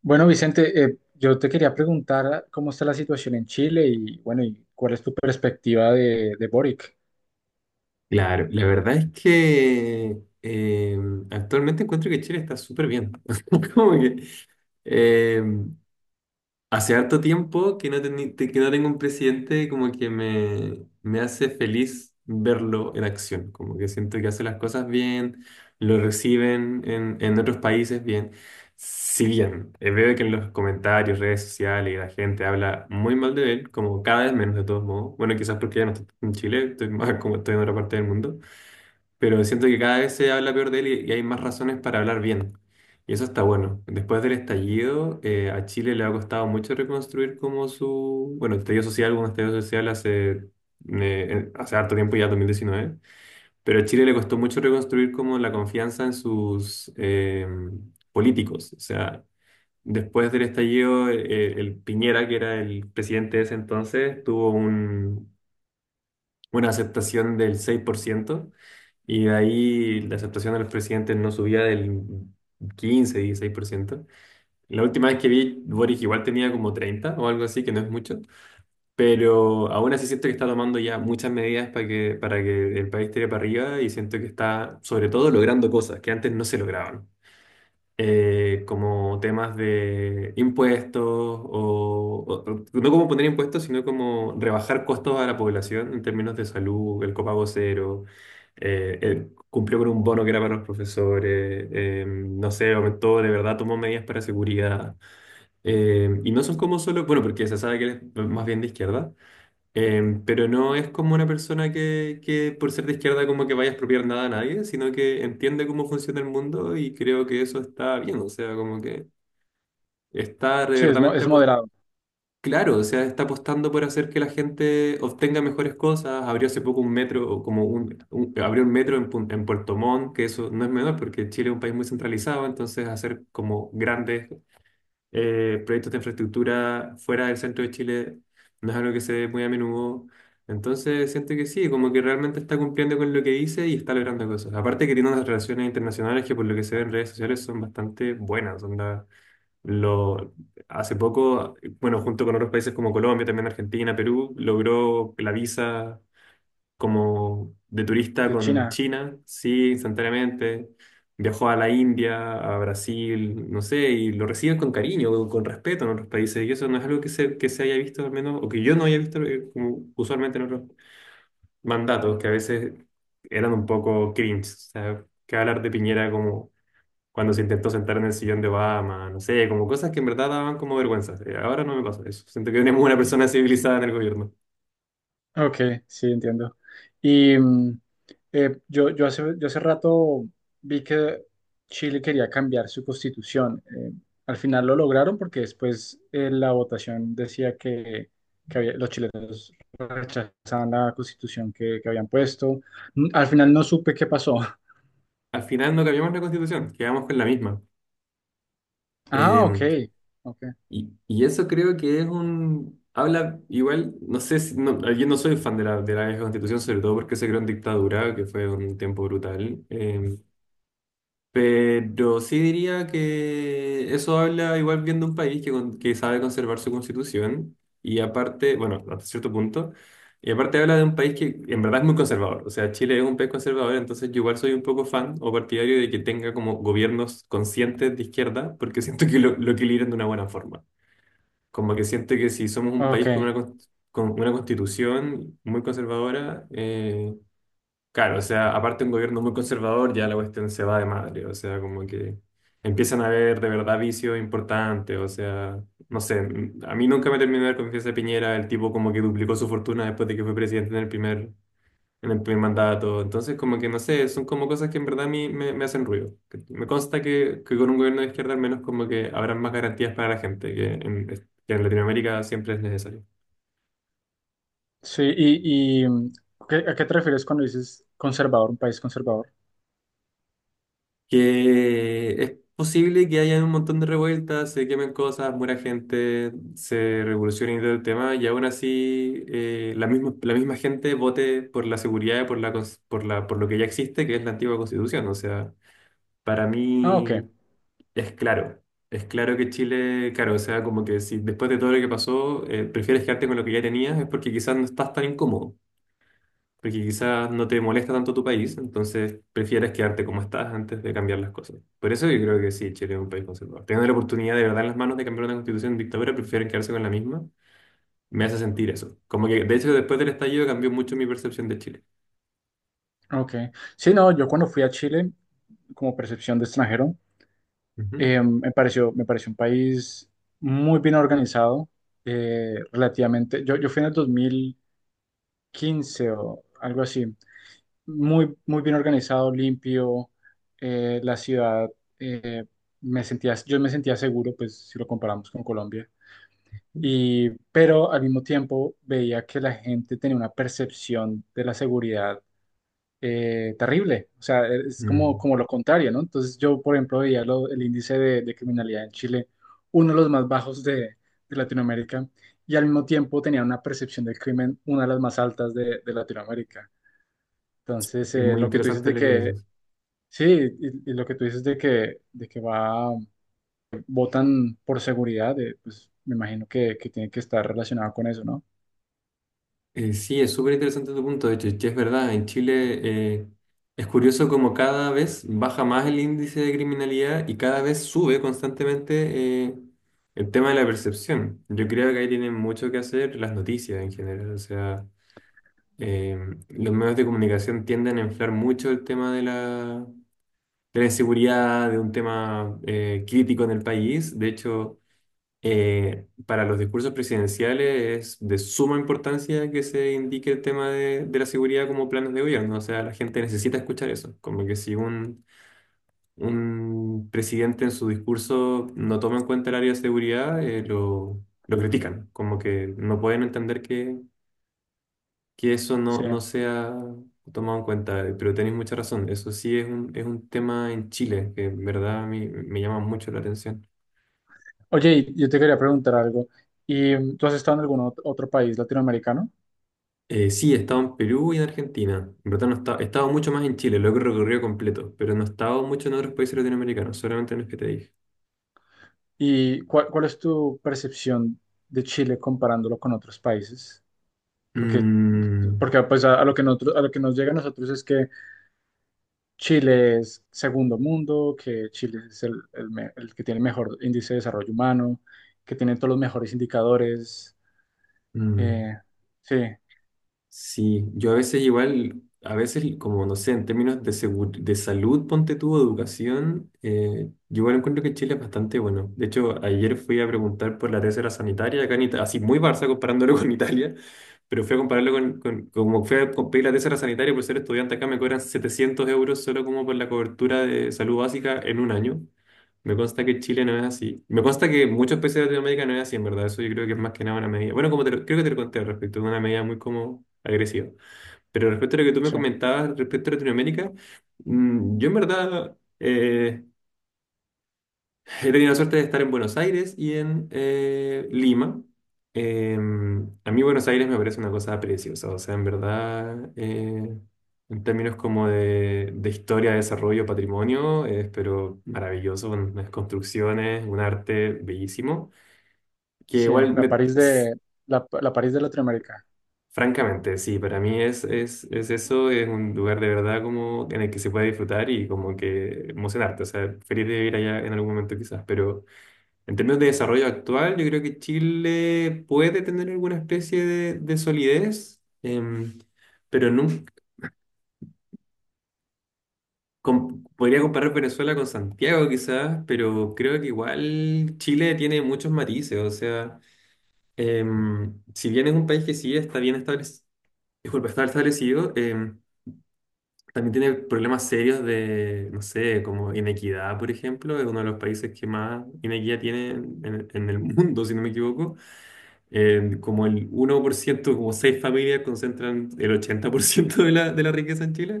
Bueno, Vicente, yo te quería preguntar cómo está la situación en Chile y bueno, y cuál es tu perspectiva de Boric. Claro, la verdad es que actualmente encuentro que Chile está súper bien. Como que eh, hace harto tiempo que no tengo un presidente como que me hace feliz verlo en acción. Como que siento que hace las cosas bien, lo reciben en otros países bien. Si bien veo que en los comentarios, redes sociales, la gente habla muy mal de él, como cada vez menos de todos modos. Bueno, quizás porque ya no estoy en Chile, estoy más como estoy en otra parte del mundo, pero siento que cada vez se habla peor de él y hay más razones para hablar bien. Y eso está bueno. Después del estallido, a Chile le ha costado mucho reconstruir como su, bueno, estallido social. Hubo un estallido social hace harto tiempo, ya 2019, pero a Chile le costó mucho reconstruir como la confianza en sus políticos. O sea, después del estallido, el Piñera, que era el presidente de ese entonces, tuvo una aceptación del 6%, y de ahí la aceptación de los presidentes no subía del 15-16%. La última vez que vi, Boric igual tenía como 30 o algo así, que no es mucho, pero aún así siento que está tomando ya muchas medidas para que el país tire para arriba, y siento que está sobre todo logrando cosas que antes no se lograban, como temas de impuestos, no como poner impuestos, sino como rebajar costos a la población en términos de salud, el copago cero, cumplió con un bono que era para los profesores, no sé, aumentó, de verdad tomó medidas para seguridad. Y no son como solo, bueno, porque se sabe que él es más bien de izquierda. Pero no es como una persona que por ser de izquierda como que vaya a expropiar nada a nadie, sino que entiende cómo funciona el mundo y creo que eso está bien. O sea, como que está de Sí, verdaderamente es moderado, claro, o sea, está apostando por hacer que la gente obtenga mejores cosas. Abrió hace poco un metro, o como abrió un metro en Puerto Montt, que eso no es menor porque Chile es un país muy centralizado, entonces hacer como grandes proyectos de infraestructura fuera del centro de Chile no es algo que se ve muy a menudo. Entonces siento que sí, como que realmente está cumpliendo con lo que dice y está logrando cosas. Aparte que tiene unas relaciones internacionales que, por lo que se ve en redes sociales, son bastante buenas. Onda, lo, hace poco, bueno, junto con otros países como Colombia, también Argentina, Perú, logró la visa como de turista de con China. China, sí, instantáneamente. Viajó a la India, a Brasil, no sé, y lo reciben con cariño, con respeto en otros países. Y eso no es algo que se haya visto, al menos, o que yo no haya visto, como usualmente en otros mandatos, que a veces eran un poco cringe. O sea, que hablar de Piñera como cuando se intentó sentar en el sillón de Obama, no sé, como cosas que en verdad daban como vergüenza. Ahora no me pasa eso. Siento que tenemos una persona civilizada en el gobierno. Ok, sí, entiendo. Y yo hace rato vi que Chile quería cambiar su constitución. Al final lo lograron porque después la votación decía que los chilenos rechazaban la constitución que habían puesto. Mm, al final no supe qué pasó. Al final no cambiamos la constitución, quedamos con la misma. Ah, ok, Em, ok, y eso creo que es un... Habla igual, no sé si... No, yo no soy fan de la vieja constitución, sobre todo porque se creó en dictadura, que fue un tiempo brutal. Pero sí diría que eso habla igual bien de un país que sabe conservar su constitución. Y aparte, bueno, hasta cierto punto. Y aparte habla de un país que en verdad es muy conservador. O sea, Chile es un país conservador, entonces yo igual soy un poco fan o partidario de que tenga como gobiernos conscientes de izquierda, porque siento que lo equilibran de una buena forma. Como que siento que si somos un país con ok. una constitución muy conservadora, claro, o sea, aparte un gobierno muy conservador, ya la cuestión se va de madre, o sea, como que empiezan a haber de verdad vicios importantes. O sea, no sé, a mí nunca me terminó de dar confianza Piñera, el tipo como que duplicó su fortuna después de que fue presidente en el primer mandato. Entonces, como que no sé, son como cosas que en verdad a mí me hacen ruido. Me consta que con un gobierno de izquierda al menos como que habrán más garantías para la gente, que en Latinoamérica siempre es necesario. Sí, y mm, ¿a qué te refieres cuando dices conservador, un país conservador? Que es posible que haya un montón de revueltas, se quemen cosas, muera gente, se revolucione y todo el tema, y aún así, la misma gente vote por la seguridad y por la, cons- por la, por lo que ya existe, que es la antigua constitución. O sea, para Ah, ok, mí... Es claro, es claro que Chile, claro, o sea, como que si después de todo lo que pasó, prefieres quedarte con lo que ya tenías, es porque quizás no estás tan incómodo, porque quizás no te molesta tanto tu país, entonces prefieres quedarte como estás antes de cambiar las cosas. Por eso yo creo que sí, Chile es un país conservador. Teniendo la oportunidad de verdad en las manos de cambiar una constitución en dictadura, prefieren quedarse con la misma. Me hace sentir eso. Como que, de hecho, después del estallido cambió mucho mi percepción de Chile. ok. Sí, no, yo cuando fui a Chile, como percepción de extranjero, Ujú. Me pareció un país muy bien organizado, relativamente. Yo fui en el 2015 o algo así, muy bien organizado, limpio, la ciudad, eh, yo me sentía seguro, pues si lo comparamos con Colombia. Y pero al mismo tiempo veía que la gente tenía una percepción de la seguridad terrible. O sea, es como, Mm. como lo contrario, ¿no? Entonces yo, por ejemplo, veía el índice de criminalidad en Chile, uno de los más bajos de Latinoamérica, y al mismo tiempo tenía una percepción del crimen, una de las más altas de Latinoamérica. Entonces, Es muy lo que tú dices interesante de lo que que, dices. sí, y lo que tú dices de que va, votan por seguridad, pues me imagino que tiene que estar relacionado con eso, ¿no? Sí, es súper interesante tu punto, de hecho, que es verdad. En Chile es curioso como cada vez baja más el índice de criminalidad y cada vez sube constantemente el tema de la percepción. Yo creo que ahí tienen mucho que hacer las noticias en general, o sea, eh, los medios de comunicación tienden a inflar mucho el tema de la inseguridad, de un tema crítico en el país, de hecho... Para los discursos presidenciales es de suma importancia que se indique el tema de la seguridad como planes de gobierno. O sea, la gente necesita escuchar eso. Como que si un presidente en su discurso no toma en cuenta el área de seguridad, lo critican. Como que no pueden entender que eso no, Sí. no sea tomado en cuenta. Pero tenéis mucha razón. Eso sí es un tema en Chile que en verdad a mí me llama mucho la atención. Oye, y yo te quería preguntar algo. ¿Y mm, tú has estado en algún otro país latinoamericano? Sí, he estado en Perú y en Argentina. En verdad no he estado, he estado mucho más en Chile, lo he recorrido completo, pero no he estado mucho en otros países latinoamericanos, solamente en los que te dije. ¿Y cuál es tu percepción de Chile comparándolo con otros países? Porque, Mm, porque pues a lo que nosotros, a lo que nos llega a nosotros es que Chile es segundo mundo, que Chile es el que tiene el mejor índice de desarrollo humano, que tiene todos los mejores indicadores. mm. Eh, sí, Sí, yo a veces igual, a veces como no sé, en términos de salud, ponte tú, educación, yo igual encuentro que Chile es bastante bueno. De hecho, ayer fui a preguntar por la tercera sanitaria acá en Italia, así muy Barça comparándolo con Italia, pero fui a compararlo con como fui a pedir la tercera sanitaria. Por ser estudiante acá me cobran 700 € solo como por la cobertura de salud básica en un año. Me consta que Chile no es así. Me consta que muchos países de Latinoamérica no es así, en verdad. Eso yo creo que es más que nada una medida. Bueno, como creo que te lo conté al respecto, una medida muy como agresiva. Pero respecto a lo que tú me sí, comentabas respecto a Latinoamérica, yo en verdad he tenido la suerte de estar en Buenos Aires y en Lima. A mí Buenos Aires me parece una cosa preciosa, o sea, en verdad, en términos como de historia, desarrollo, patrimonio, es pero maravilloso, con unas construcciones, un arte bellísimo, que sí, igual, la París la París de Latinoamérica. francamente, sí, para mí es eso, es un lugar de verdad como en el que se puede disfrutar y como que emocionarte, o sea, feliz de ir allá en algún momento quizás, pero... En términos de desarrollo actual, yo creo que Chile puede tener alguna especie de solidez, pero nunca, podría comparar Venezuela con Santiago quizás, pero creo que igual Chile tiene muchos matices. O sea, si bien es un país que sí está bien establecido, disculpa, está establecido, también tiene problemas serios de, no sé, como inequidad, por ejemplo, es uno de los países que más inequidad tiene en el mundo, si no me equivoco. En como el 1%, como seis familias concentran el 80% de la riqueza en Chile.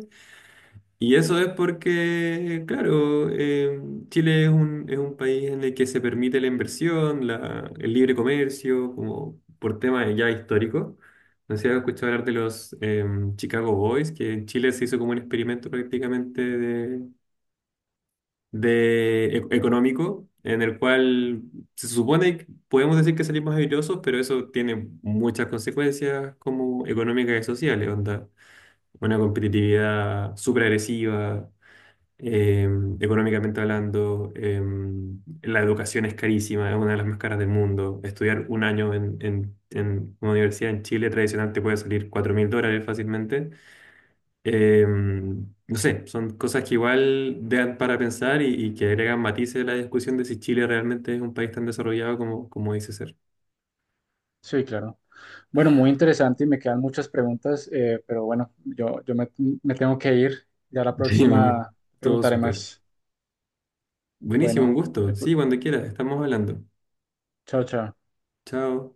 Y eso es porque, claro, Chile es un país en el que se permite la inversión, el libre comercio, como por temas ya históricos. No sé si has escuchado hablar de los Chicago Boys, que en Chile se hizo como un experimento prácticamente económico, en el cual se supone que podemos decir que salimos airosos, pero eso tiene muchas consecuencias como económicas y sociales, onda, una competitividad súper agresiva, eh, económicamente hablando, la educación es carísima, es una de las más caras del mundo. Estudiar un año en una universidad en Chile tradicional te puede salir 4.000 dólares fácilmente. No sé, son cosas que igual dan para pensar y que agregan matices a la discusión de si Chile realmente es un país tan desarrollado como dice ser. Sí, claro. Bueno, muy interesante y me quedan muchas preguntas, pero bueno, me tengo que ir. Ya la Sí, próxima todo preguntaré súper. más. Buenísimo, un Bueno, gusto. pues, Sí, cuando quieras, estamos hablando. chao, chao. Chao.